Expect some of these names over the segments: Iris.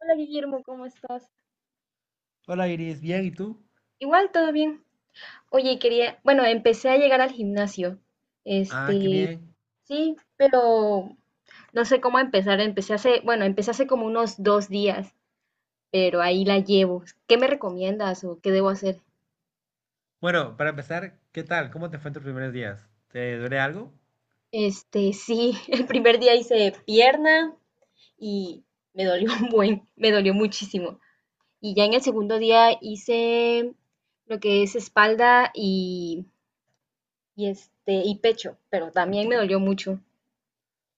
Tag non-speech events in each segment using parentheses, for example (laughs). Hola Guillermo, ¿cómo estás? Hola Iris, bien, ¿y tú? Igual, todo bien. Oye, quería, bueno, empecé a llegar al gimnasio. Ah, qué Este, bien. sí, pero no sé cómo empezar. Empecé hace, bueno, empecé hace como unos dos días, pero ahí la llevo. ¿Qué me recomiendas o qué debo hacer? Bueno, para empezar, ¿qué tal? ¿Cómo te fue en tus primeros días? ¿Te duele algo? Este, sí, (laughs) el primer día hice pierna y me dolió un buen, me dolió muchísimo. Y ya en el segundo día hice lo que es espalda y y pecho, pero también me dolió mucho.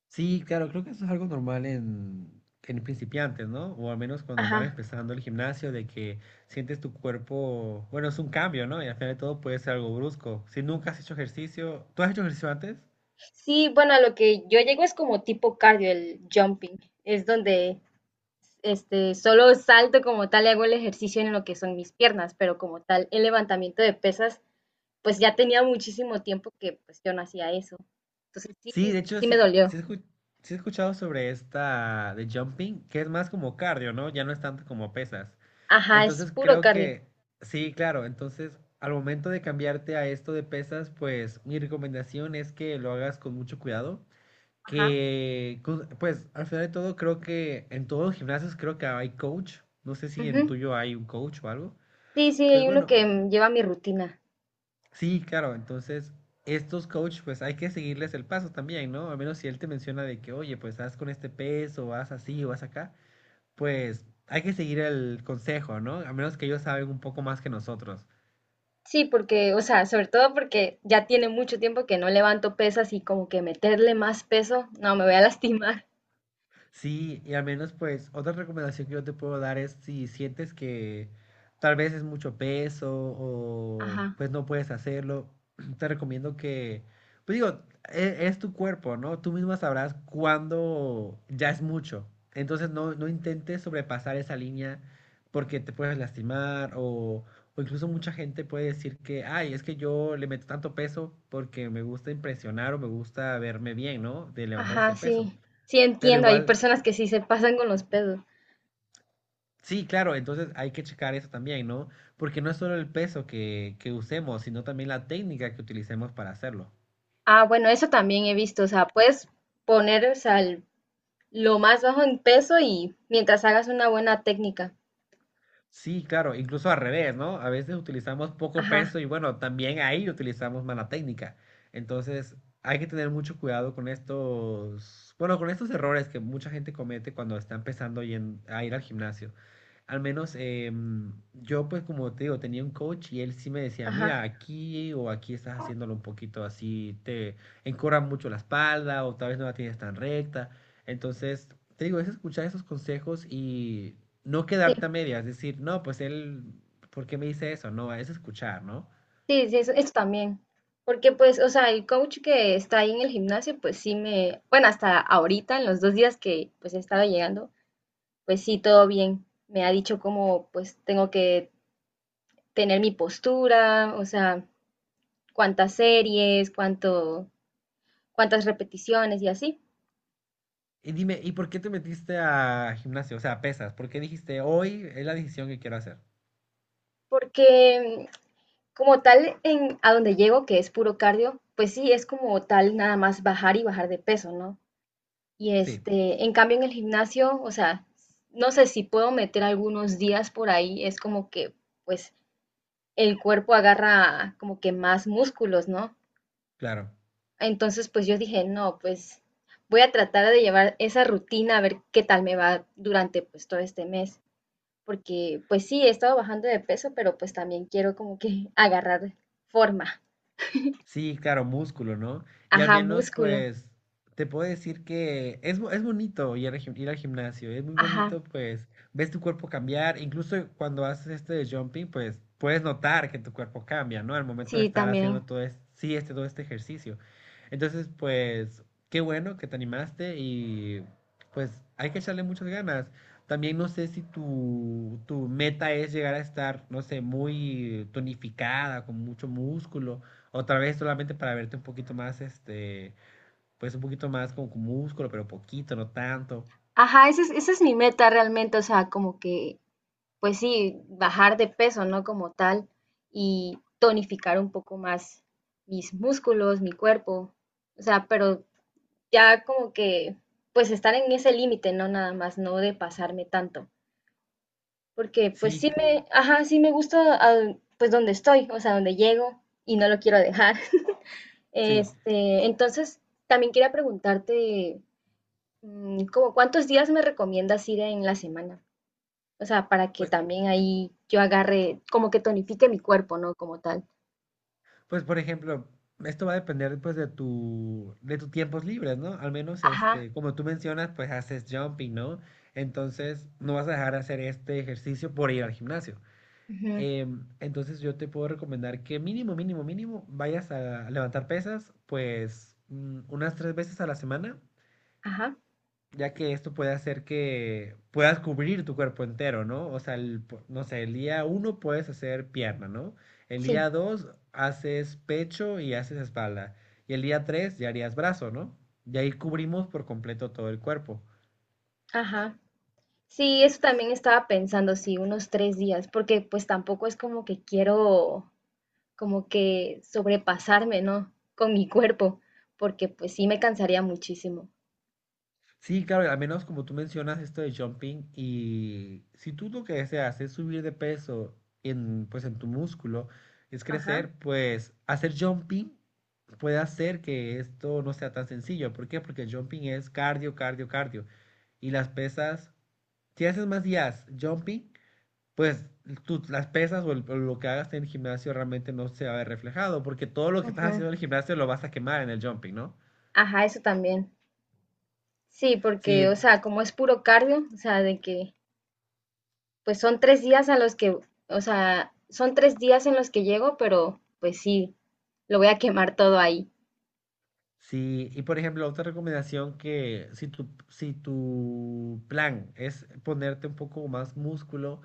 Sí, claro, creo que eso es algo normal en principiantes, ¿no? O al menos cuando van Ajá. empezando el gimnasio, de que sientes tu cuerpo, bueno, es un cambio, ¿no? Y al final de todo puede ser algo brusco. Si nunca has hecho ejercicio, ¿tú has hecho ejercicio antes? Sí, bueno, a lo que yo llego es como tipo cardio, el jumping. Es donde solo salto como tal y hago el ejercicio en lo que son mis piernas, pero como tal, el levantamiento de pesas, pues ya tenía muchísimo tiempo que pues yo no hacía eso. Entonces sí, Sí, de hecho, sí me sí, sí dolió. he escu- sí he escuchado sobre esta de jumping, que es más como cardio, ¿no? Ya no es tanto como pesas. Ajá, es Entonces puro creo cardio. que, sí, claro, entonces al momento de cambiarte a esto de pesas, pues mi recomendación es que lo hagas con mucho cuidado, Ajá. Pues al final de todo creo que en todos los gimnasios creo que hay coach, no sé si en el Ujú. tuyo hay un coach o algo, Sí, sí, pues hay uno bueno, que lleva mi rutina. sí, claro, entonces estos coach pues hay que seguirles el paso también, ¿no? Al menos si él te menciona de que, oye, pues haz con este peso, haz así o haz acá, pues hay que seguir el consejo, ¿no? A menos que ellos saben un poco más que nosotros. Sí, porque, o sea, sobre todo porque ya tiene mucho tiempo que no levanto pesas y como que meterle más peso, no, me voy a (laughs) lastimar. Sí, y al menos pues otra recomendación que yo te puedo dar es si sientes que tal vez es mucho peso o Ajá. pues no puedes hacerlo, (clears throat) te recomiendo que, pues digo, es, tu cuerpo, ¿no? Tú misma sabrás cuándo ya es mucho. Entonces no, no intentes sobrepasar esa línea porque te puedes lastimar o incluso mucha gente puede decir que, ay, es que yo le meto tanto peso porque me gusta impresionar o me gusta verme bien, ¿no? De levantar Ajá, ese peso. sí. Sí, Pero entiendo. Hay igual personas que sí se pasan con los pesos. sí, claro, entonces hay que checar eso también, ¿no? Porque no es solo el peso que usemos, sino también la técnica que utilicemos para hacerlo. Ah, bueno, eso también he visto. O sea, puedes poner, o sea, lo más bajo en peso y mientras hagas una buena técnica. Sí, claro, incluso al revés, ¿no? A veces utilizamos poco Ajá, peso y bueno, también ahí utilizamos mala técnica. Entonces, hay que tener mucho cuidado con estos, bueno, con estos errores que mucha gente comete cuando está empezando y a ir al gimnasio. Al menos yo, pues como te digo, tenía un coach y él sí me decía, ajá. mira, aquí o aquí estás haciéndolo un poquito así, te encorva mucho la espalda o tal vez no la tienes tan recta. Entonces, te digo, es escuchar esos consejos y no Sí, quedarte a medias, decir, no, pues él, ¿por qué me dice eso? No, es escuchar, ¿no? sí, sí, eso, eso también. Porque pues, o sea, el coach que está ahí en el gimnasio, pues sí me, bueno, hasta ahorita, en los dos días que pues he estado llegando, pues sí, todo bien. Me ha dicho cómo pues tengo que tener mi postura, o sea, cuántas series, cuánto cuántas repeticiones y así. Y dime, ¿y por qué te metiste a gimnasio? O sea, a pesas. ¿Por qué dijiste, hoy es la decisión que quiero hacer? Porque como tal, en, a donde llego, que es puro cardio, pues sí, es como tal nada más bajar y bajar de peso, ¿no? Y Sí, este, en cambio en el gimnasio, o sea, no sé si puedo meter algunos días por ahí, es como que pues el cuerpo agarra como que más músculos, ¿no? claro. Entonces pues yo dije, no, pues voy a tratar de llevar esa rutina a ver qué tal me va durante pues todo este mes. Porque pues sí, he estado bajando de peso, pero pues también quiero como que (laughs) agarrar forma, Sí, claro, músculo, ¿no? Y al ajá, menos, músculo, pues, te puedo decir que es, es bonito ir al, ir al gimnasio, es muy ajá, bonito, pues, ves tu cuerpo cambiar, incluso cuando haces este de jumping, pues, puedes notar que tu cuerpo cambia, ¿no? Al momento de sí, estar haciendo también, todo este, sí, este, todo este ejercicio. Entonces, pues, qué bueno que te animaste y, pues, hay que echarle muchas ganas. También no sé si tu meta es llegar a estar, no sé, muy tonificada, con mucho músculo otra vez solamente para verte un poquito más, este, pues un poquito más como con músculo, pero poquito, no tanto. ajá, esa es mi meta realmente, o sea, como que, pues sí, bajar de peso, ¿no? Como tal, y tonificar un poco más mis músculos, mi cuerpo, o sea, pero ya como que, pues estar en ese límite, ¿no? Nada más, no de pasarme tanto. Porque pues Sí, sí me, ajá, sí me gusta ah, pues donde estoy, o sea, donde llego y no lo quiero dejar. (laughs) sí. Este, entonces, también quería preguntarte, ¿como cuántos días me recomiendas ir en la semana? O sea, para que Pues, también ahí yo agarre, como que tonifique mi cuerpo, ¿no? Como tal. pues por ejemplo, esto va a depender pues de de tus tiempos libres, ¿no? Al menos, Ajá, este, como tú mencionas, pues haces jumping, ¿no? Entonces, no vas a dejar de hacer este ejercicio por ir al gimnasio. ujú, Entonces yo te puedo recomendar que mínimo vayas a levantar pesas, pues unas tres veces a la semana ajá, ya que esto puede hacer que puedas cubrir tu cuerpo entero, ¿no? O sea, no sé, el día uno puedes hacer pierna, ¿no? El sí, día dos haces pecho y haces espalda. Y el día tres ya harías brazo, ¿no? Y ahí cubrimos por completo todo el cuerpo. ajá. Sí, eso también estaba pensando, sí, unos tres días, porque pues tampoco es como que quiero como que sobrepasarme, ¿no? Con mi cuerpo, porque pues sí me cansaría muchísimo. Sí, claro, al menos como tú mencionas esto de jumping y si tú lo que deseas es subir de peso pues en tu músculo, es Ajá. crecer, pues hacer jumping puede hacer que esto no sea tan sencillo. ¿Por qué? Porque el jumping es cardio. Y las pesas, si haces más días jumping, pues las pesas o lo que hagas en el gimnasio realmente no se va a ver reflejado, porque todo lo que estás Ujú. haciendo en el gimnasio lo vas a quemar en el jumping, ¿no? Ajá, eso también. Sí, porque, o Sí, sea, como es puro cardio, o sea, de que, pues son tres días a los que, o sea, son tres días en los que llego, pero pues sí, lo voy a quemar todo ahí. sí, y por ejemplo, otra recomendación que si si tu plan es ponerte un poco más músculo,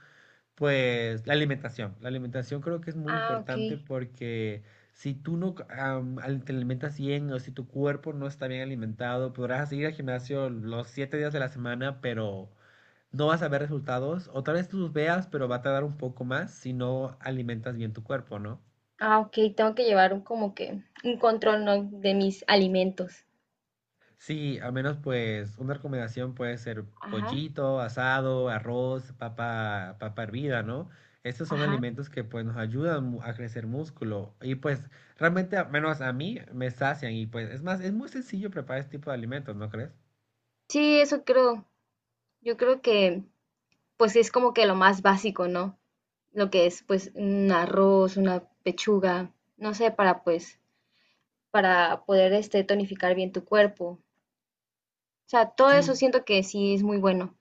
pues la alimentación. La alimentación creo que es muy Ah, ok. importante porque si tú no am, al- te alimentas bien o si tu cuerpo no está bien alimentado, podrás ir al gimnasio los siete días de la semana, pero no vas a ver resultados. O tal vez los veas, pero Ujú. va a tardar un poco más si no alimentas bien tu cuerpo, ¿no? Ah, ok, tengo que llevar un, como que un control, ¿no? De mis alimentos. Sí, al menos pues una recomendación puede ser Ajá, pollito, asado, arroz, papa, papa hervida, ¿no? Estos son ajá. alimentos que pues nos ayudan a crecer músculo y pues realmente al menos a mí me sacian y pues es más, es muy sencillo preparar este tipo de alimentos, ¿no crees? Sí, eso creo. Yo creo que pues sí es como que lo más básico, ¿no? Lo que es pues un arroz, una pechuga, no sé, para pues, para poder tonificar bien tu cuerpo. O sea, todo eso Sí, siento que sí es muy bueno.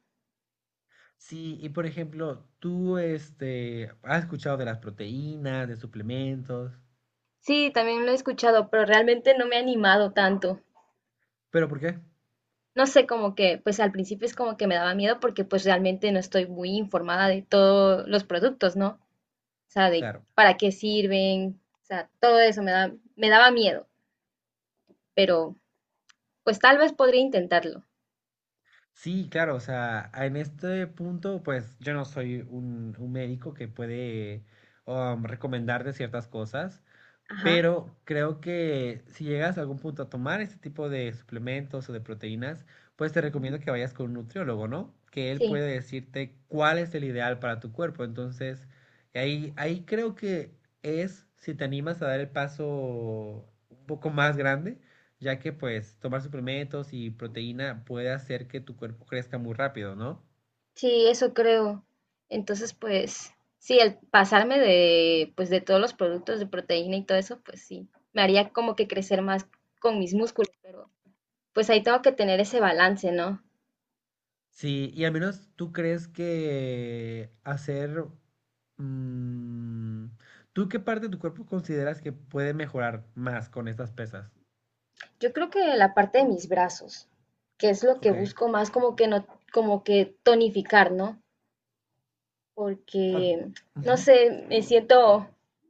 sí, y por ejemplo, tú este has escuchado de las proteínas, de suplementos, Sí, también lo he escuchado, pero realmente no me ha animado tanto. pero ¿por qué? No sé, como que, pues al principio es como que me daba miedo porque pues realmente no estoy muy informada de todos los productos, ¿no? O sea, de Claro. para qué sirven, o sea, todo eso me da, me daba miedo, pero pues tal vez podría intentarlo. Sí, claro, o sea, en este punto, pues yo no soy un médico que puede recomendarte ciertas cosas, Ajá. pero creo que si llegas a algún punto a tomar este tipo de suplementos o de proteínas, pues te recomiendo que vayas con un nutriólogo, ¿no? Que él Sí, puede decirte cuál es el ideal para tu cuerpo. Entonces, ahí creo que es si te animas a dar el paso un poco más grande, ya que pues tomar suplementos y proteína puede hacer que tu cuerpo crezca muy rápido, ¿no? sí, eso creo. Entonces, pues, sí, el pasarme de, pues, de todos los productos de proteína y todo eso, pues sí, me haría como que crecer más con mis músculos, pero pues ahí tengo que tener ese balance, ¿no? Sí, y al menos tú crees que hacer Mm, ¿tú qué parte de tu cuerpo consideras que puede mejorar más con estas pesas? Yo creo que la parte de mis brazos, que es lo que Ok. busco más como que no, como que tonificar, ¿no? O sea, Porque, no ujú. sé,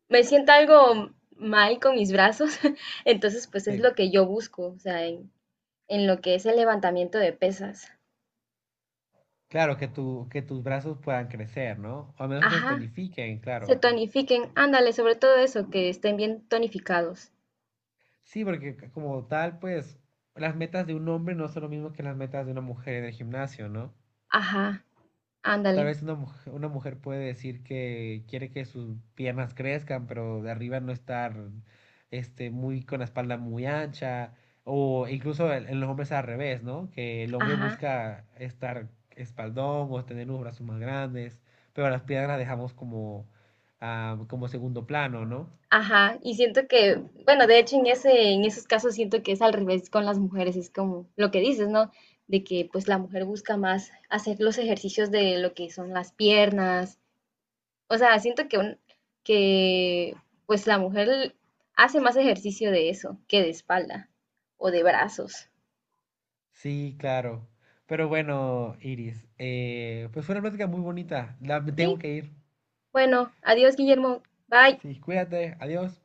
me siento algo mal con mis brazos, (laughs) entonces, pues es Sí. lo que yo busco, o sea, en lo que es el levantamiento de pesas. Claro, que, que tus brazos puedan crecer, ¿no? O a menos que se Ajá, tonifiquen, claro. se tonifiquen, ándale, sobre todo eso, que estén bien tonificados. Sí, porque como tal, pues, las metas de un hombre no son lo mismo que las metas de una mujer en el gimnasio, ¿no? Ajá, Tal ándale, vez una mujer puede decir que quiere que sus piernas crezcan, pero de arriba no estar este, muy con la espalda muy ancha, o incluso en los hombres al revés, ¿no? Que el hombre ajá, busca estar espaldón o tener los brazos más grandes, pero las piernas las dejamos como, ah, como segundo plano, ¿no? ajá. Y siento que, bueno, de hecho en ese, en esos casos siento que es al revés con las mujeres, es como lo que dices, ¿no? De que pues la mujer busca más hacer los ejercicios de lo que son las piernas. O sea, siento que, que pues la mujer hace más ejercicio de eso que de espalda o de brazos. Sí, claro. Pero bueno, Iris, pues fue una plática muy bonita. La, me tengo Sí, que ir. bueno, adiós, Guillermo. Bye. Sí, cuídate, adiós.